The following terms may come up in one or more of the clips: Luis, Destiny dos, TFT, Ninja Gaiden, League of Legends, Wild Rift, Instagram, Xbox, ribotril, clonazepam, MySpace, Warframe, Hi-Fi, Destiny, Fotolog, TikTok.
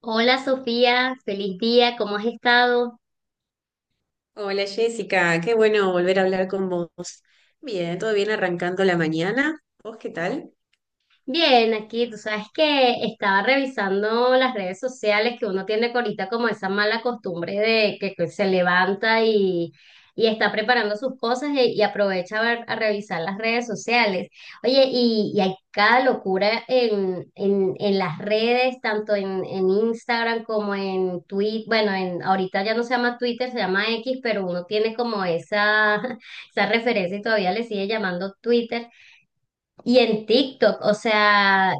Hola Sofía, feliz día, ¿cómo has estado? Hola Jessica, qué bueno volver a hablar con vos. Bien, todo bien arrancando la mañana. ¿Vos qué tal? Bien, aquí tú sabes que estaba revisando las redes sociales que uno tiene ahorita como esa mala costumbre de que se levanta y está preparando sus cosas y aprovecha a revisar las redes sociales. Oye, y hay cada locura en las redes, tanto en Instagram como en Twitter. Bueno, en, ahorita ya no se llama Twitter, se llama X, pero uno tiene como esa, esa referencia y todavía le sigue llamando Twitter. Y en TikTok, o sea,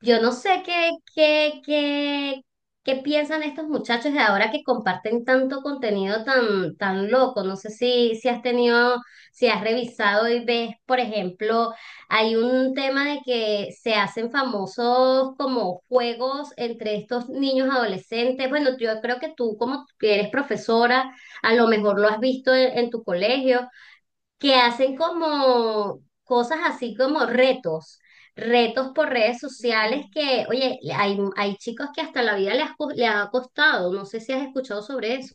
yo no sé qué piensan estos muchachos de ahora que comparten tanto contenido tan loco. No sé si has tenido, si has revisado y ves, por ejemplo, hay un tema de que se hacen famosos como juegos entre estos niños adolescentes. Bueno, yo creo que tú, como que eres profesora, a lo mejor lo has visto en tu colegio que hacen como cosas así como retos por redes Ujú. sociales que, oye, hay chicos que hasta la vida les ha costado, no sé si has escuchado sobre eso.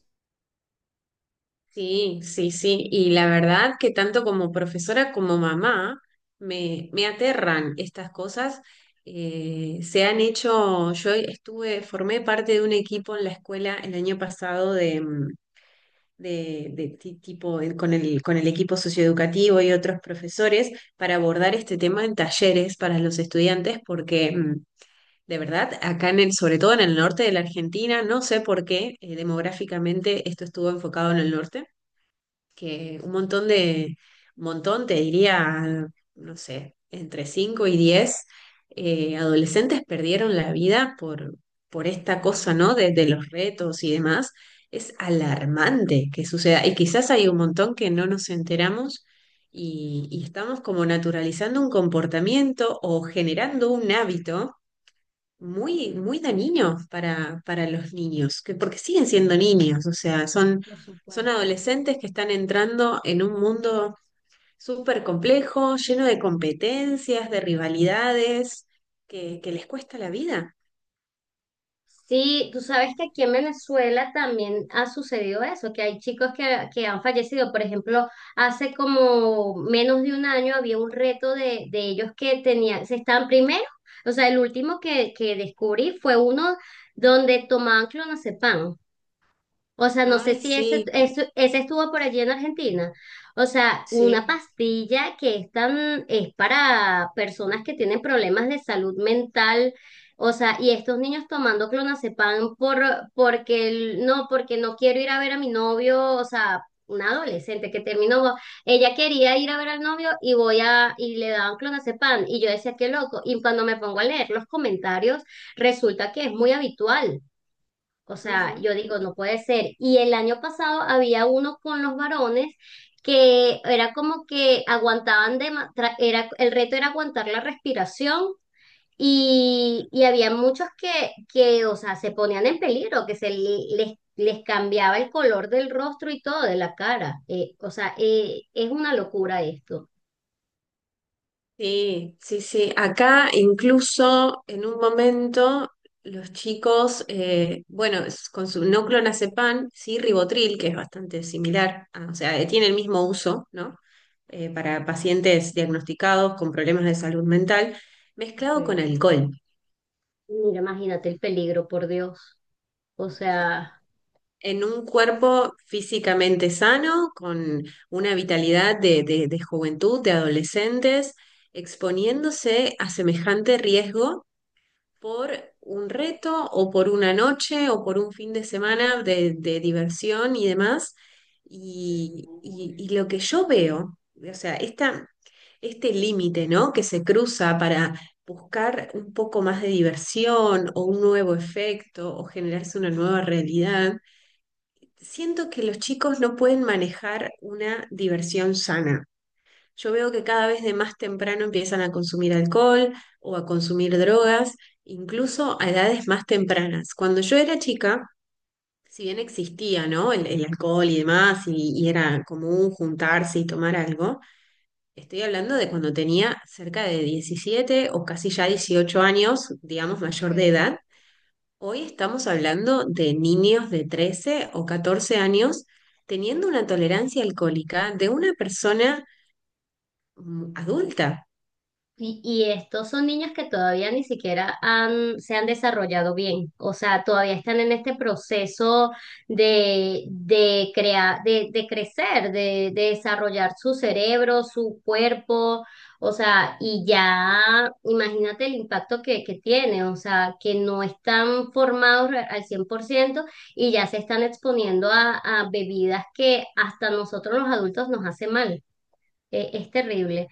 Sí, sí, sí. Y la verdad que tanto como profesora como mamá me aterran estas cosas. Se han hecho, yo estuve, formé parte de un equipo en la escuela el año pasado de, de tipo, con el equipo socioeducativo y otros profesores para abordar este tema en talleres para los estudiantes porque de verdad, acá sobre todo en el norte de la Argentina. No sé por qué, demográficamente esto estuvo enfocado en el norte, que un montón, te diría, no sé, entre 5 y 10 adolescentes perdieron la vida por esta cosa, Wow, ¿no? De los retos y demás. Es alarmante que suceda. Y quizás hay un montón que no nos enteramos y estamos como naturalizando un comportamiento o generando un hábito muy, muy dañinos para los niños, porque siguen siendo niños. O sea, son, por son supuesto. adolescentes que están entrando en un mundo súper complejo, lleno de competencias, de rivalidades, que les cuesta la vida. Sí, tú sabes que aquí en Venezuela también ha sucedido eso, que hay chicos que han fallecido. Por ejemplo, hace como menos de un año había un reto de ellos que tenían, se estaban primero, o sea, el último que descubrí fue uno donde tomaban clonazepam. O sea, no sé Ay, si sí, ese estuvo por allí en Argentina. O sea, una sí. pastilla que es tan, es para personas que tienen problemas de salud mental. O sea, y estos niños tomando clonazepam por, porque el- no, porque no quiero ir a ver a mi novio. O sea, una adolescente que terminó, ella quería ir a ver al novio y voy a, y le daban clonazepam. Y yo decía, qué loco. Y cuando me pongo a leer los comentarios, resulta que es muy habitual. O sea, Ujú, yo digo, no puede ser. Y el año pasado había uno con los varones que era como que aguantaban de, ma- tra- era, el reto era aguantar la respiración y había muchos o sea, se ponían en peligro, que les cambiaba el color del rostro y todo, de la cara. O sea, es una locura esto. sí, sí, sí. Acá incluso en un momento los chicos, bueno, con su no clonazepam, sí ribotril, que es bastante similar, o sea, tiene el mismo uso, ¿no? Para pacientes diagnosticados con problemas de salud mental, mezclado Okay, con okay. alcohol. Mira, imagínate el peligro, por Dios. O ¿Sí? sea, En un cuerpo físicamente sano, con una vitalidad de, de juventud, de adolescentes, exponiéndose a semejante riesgo por un reto o por una noche o por un fin de semana de diversión y demás. Y lo que yo veo, o sea, este límite, ¿no?, que se cruza para buscar un poco más de diversión o un nuevo efecto o generarse una nueva realidad. Siento que los chicos no pueden manejar una diversión sana. Yo veo que cada vez de más temprano empiezan a consumir alcohol o a consumir drogas, incluso a edades más tempranas. Cuando yo era chica, si bien existía, ¿no?, el alcohol y demás, y era común juntarse y tomar algo, estoy hablando de cuando tenía cerca de 17 o casi ya 18 años, digamos, Ok. mayor de edad. Hoy estamos hablando de niños de 13 o 14 años teniendo una tolerancia alcohólica de una persona, adulta. Y estos son niños que todavía ni siquiera han, se han desarrollado bien, o sea, todavía están en este proceso de crear, de crecer, de desarrollar su cerebro, su cuerpo, o sea, y ya imagínate el impacto que tiene, o sea, que no están formados re- al 100% y ya se están exponiendo a bebidas que hasta nosotros los adultos nos hace mal. Es terrible.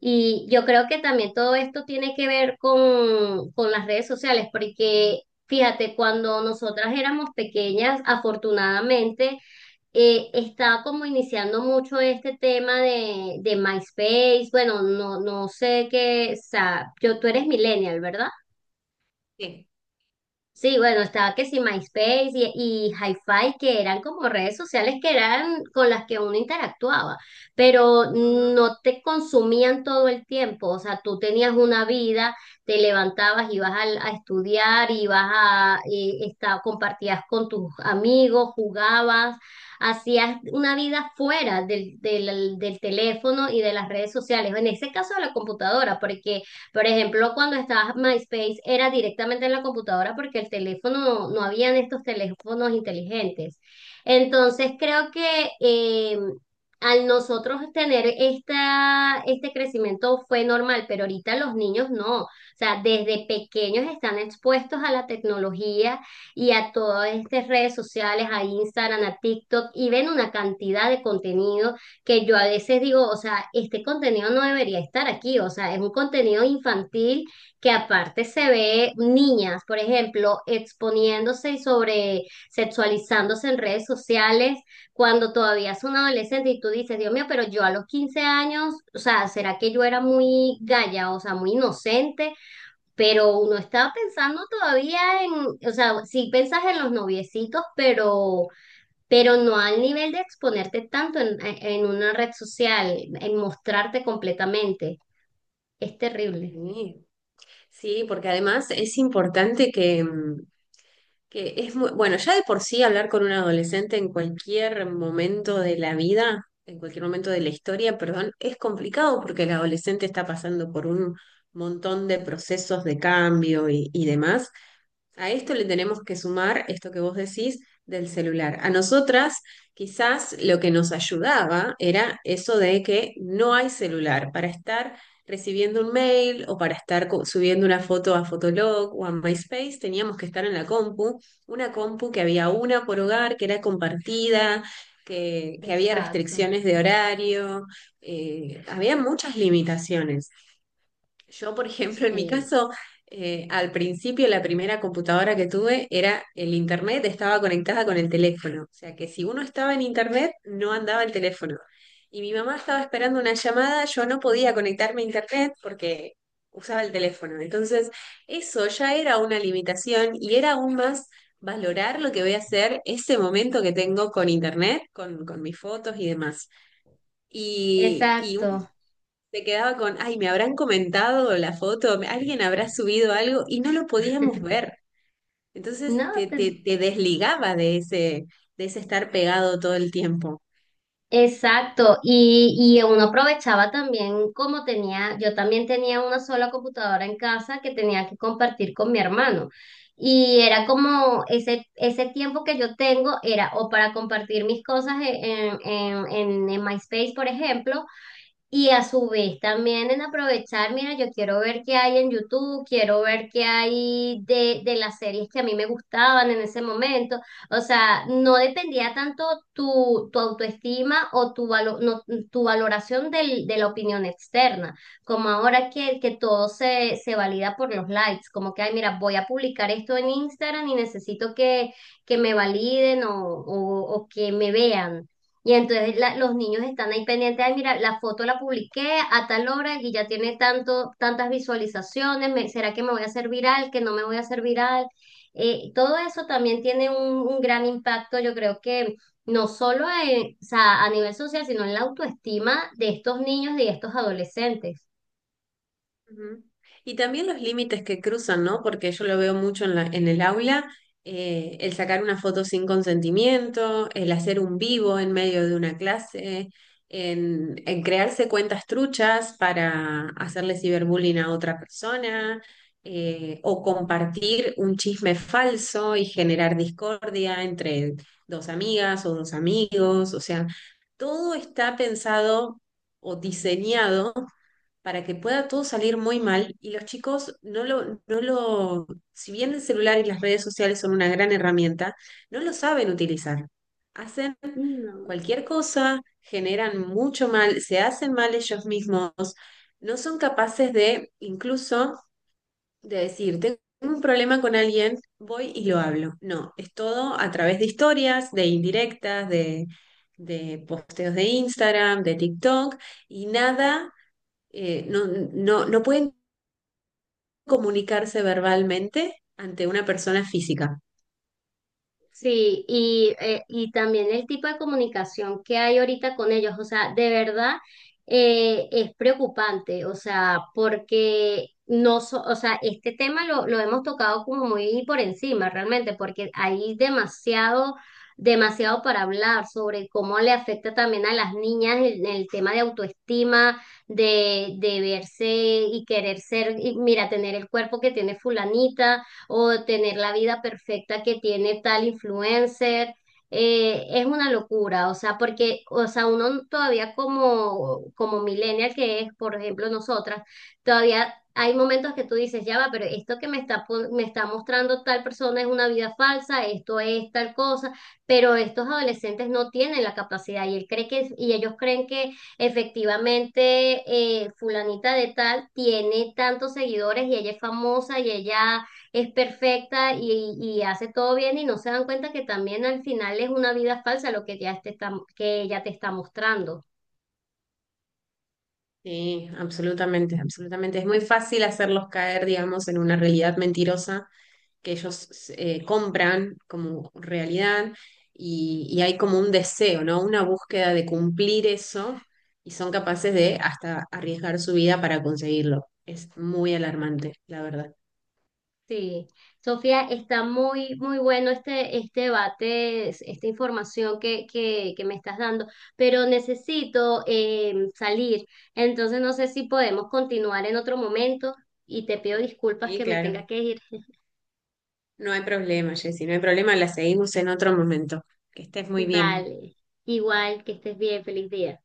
Y yo creo que también todo esto tiene que ver con las redes sociales, porque fíjate, cuando nosotras éramos pequeñas, afortunadamente, estaba como iniciando mucho este tema de MySpace. Bueno, no sé qué, o sea, yo, tú eres millennial, ¿verdad? Sí. Sí, bueno, estaba que sí, MySpace y Hi-Fi, que eran como redes sociales que eran con las que uno interactuaba, pero Ujú. no te consumían todo el tiempo, o sea, tú tenías una vida, te levantabas, estudiar, ibas a, compartías con tus amigos, jugabas, hacías una vida fuera del teléfono y de las redes sociales, en ese caso de la computadora, porque por ejemplo, cuando estaba MySpace era directamente en la computadora porque el teléfono, no habían estos teléfonos inteligentes. Entonces creo que al nosotros tener esta, este crecimiento fue normal, pero ahorita los niños no. O sea, desde pequeños están expuestos a la tecnología y a todas estas redes sociales, a Instagram, a TikTok, y ven una cantidad de contenido que yo a veces digo, o sea, este contenido no debería estar aquí, o sea, es un contenido infantil que aparte se ve niñas, por ejemplo, exponiéndose y sobre sexualizándose en redes sociales cuando todavía es un adolescente y tú dices, Dios mío, pero yo a los 15 años, o sea, ¿será que yo era muy galla, o sea, muy inocente? Pero uno está pensando todavía en, o sea, sí pensas en los noviecitos, pero no al nivel de exponerte tanto en una red social, en mostrarte completamente. Es terrible. Sí, sí, porque además es importante que, que es muy, bueno, ya de por sí hablar con un adolescente en cualquier momento de la vida, en cualquier momento de la historia, perdón, es complicado porque el adolescente está pasando por un montón de procesos de cambio y demás. A esto le tenemos que sumar esto que vos decís del celular. A nosotras quizás lo que nos ayudaba era eso de que no hay celular para estar recibiendo un mail o para estar subiendo una foto a Fotolog o a MySpace. Teníamos que estar en la compu, una compu que había una por hogar, que era compartida, que había Exacto. restricciones de horario. Había muchas limitaciones. Yo, por ejemplo, en mi Sí, caso, al principio la primera computadora que tuve, era el internet, estaba conectada con el teléfono. O sea que si uno estaba en internet, no andaba el teléfono. Y mi mamá estaba esperando una llamada, yo no podía conectarme a internet porque usaba el teléfono. Entonces, eso ya era una limitación, y era aún más valorar lo que voy a hacer ese momento que tengo con internet, con mis fotos y demás. Y exacto. se quedaba con, ay, me habrán comentado la foto, alguien habrá subido algo y no lo podíamos ver. Entonces No, te, te- te, te desligaba de ese, estar pegado todo el tiempo. Exacto, y uno aprovechaba también como tenía, yo también tenía una sola computadora en casa que tenía que compartir con mi hermano. Y era como ese tiempo que yo tengo era o para compartir mis cosas en MySpace, por ejemplo, y a su vez también en aprovechar, mira, yo quiero ver qué hay en YouTube, quiero ver qué hay de las series que a mí me gustaban en ese momento. O sea, no dependía tanto tu, tu autoestima o tu, valo- no, tu valoración del- de la opinión externa, como ahora que todo se, se valida por los likes, como que, ay, mira, voy a publicar esto en Instagram y necesito que me validen o que me vean. Y entonces la- los niños están ahí pendientes, ay, mira, la foto la publiqué a tal hora y ya tiene tanto, tantas visualizaciones, me- ¿será que me voy a hacer viral, que no me voy a hacer viral? Todo eso también tiene un gran impacto, yo creo que no solo en- o sea, a nivel social, sino en la autoestima de estos niños y de estos adolescentes. Ujú. Y también los límites que cruzan, ¿no? Porque yo lo veo mucho en en el aula, el sacar una foto sin consentimiento, el hacer un vivo en medio de una clase, en crearse cuentas truchas para hacerle ciberbullying a otra persona, o compartir un chisme falso y generar discordia entre dos amigas o dos amigos. O sea, todo está pensado o diseñado para que pueda todo salir muy mal, y los chicos no lo, si bien el celular y las redes sociales son una gran herramienta, no lo saben utilizar. Hacen No. cualquier cosa, generan mucho mal, se hacen mal ellos mismos, no son capaces de incluso de decir, tengo un problema con alguien, voy y lo hablo. No, es todo a través de historias, de indirectas, de posteos de Instagram, de TikTok, y nada, no, no, no pueden comunicarse verbalmente ante una persona física. Sí, y también el tipo de comunicación que hay ahorita con ellos, o sea, de verdad es preocupante, o sea, porque no, so- o sea, este tema lo hemos tocado como muy por encima realmente, porque hay demasiado, demasiado para hablar sobre cómo le afecta también a las niñas el tema de autoestima, de verse y querer ser, y mira, tener el cuerpo que tiene fulanita o tener la vida perfecta que tiene tal influencer. Es una locura, o sea, porque, o sea, uno todavía como, como millennial que es, por ejemplo, nosotras, todavía hay momentos que tú dices, ya va, pero esto que me está, pon- me está mostrando tal persona es una vida falsa, esto es tal cosa, pero estos adolescentes no tienen la capacidad y él cree que, y ellos creen que efectivamente fulanita de tal tiene tantos seguidores y ella es famosa y ella es perfecta y hace todo bien y no se dan cuenta que también al final es una vida falsa lo que ya te está, que ella te está mostrando. Sí, absolutamente, absolutamente. Es muy fácil hacerlos caer, digamos, en una realidad mentirosa que ellos, compran como realidad, y hay como un deseo, ¿no?, una búsqueda de cumplir eso, y son capaces de hasta arriesgar su vida para conseguirlo. Es muy alarmante, la verdad. Sí, Sofía, está muy, muy bueno este debate, es- esta información que me estás dando, pero necesito salir, entonces no sé si podemos continuar en otro momento y te pido disculpas Sí, que me tenga claro. que ir. No hay problema, Jessy, no hay problema. La seguimos en otro momento. Que estés muy bien. Vale, igual que estés bien, feliz día.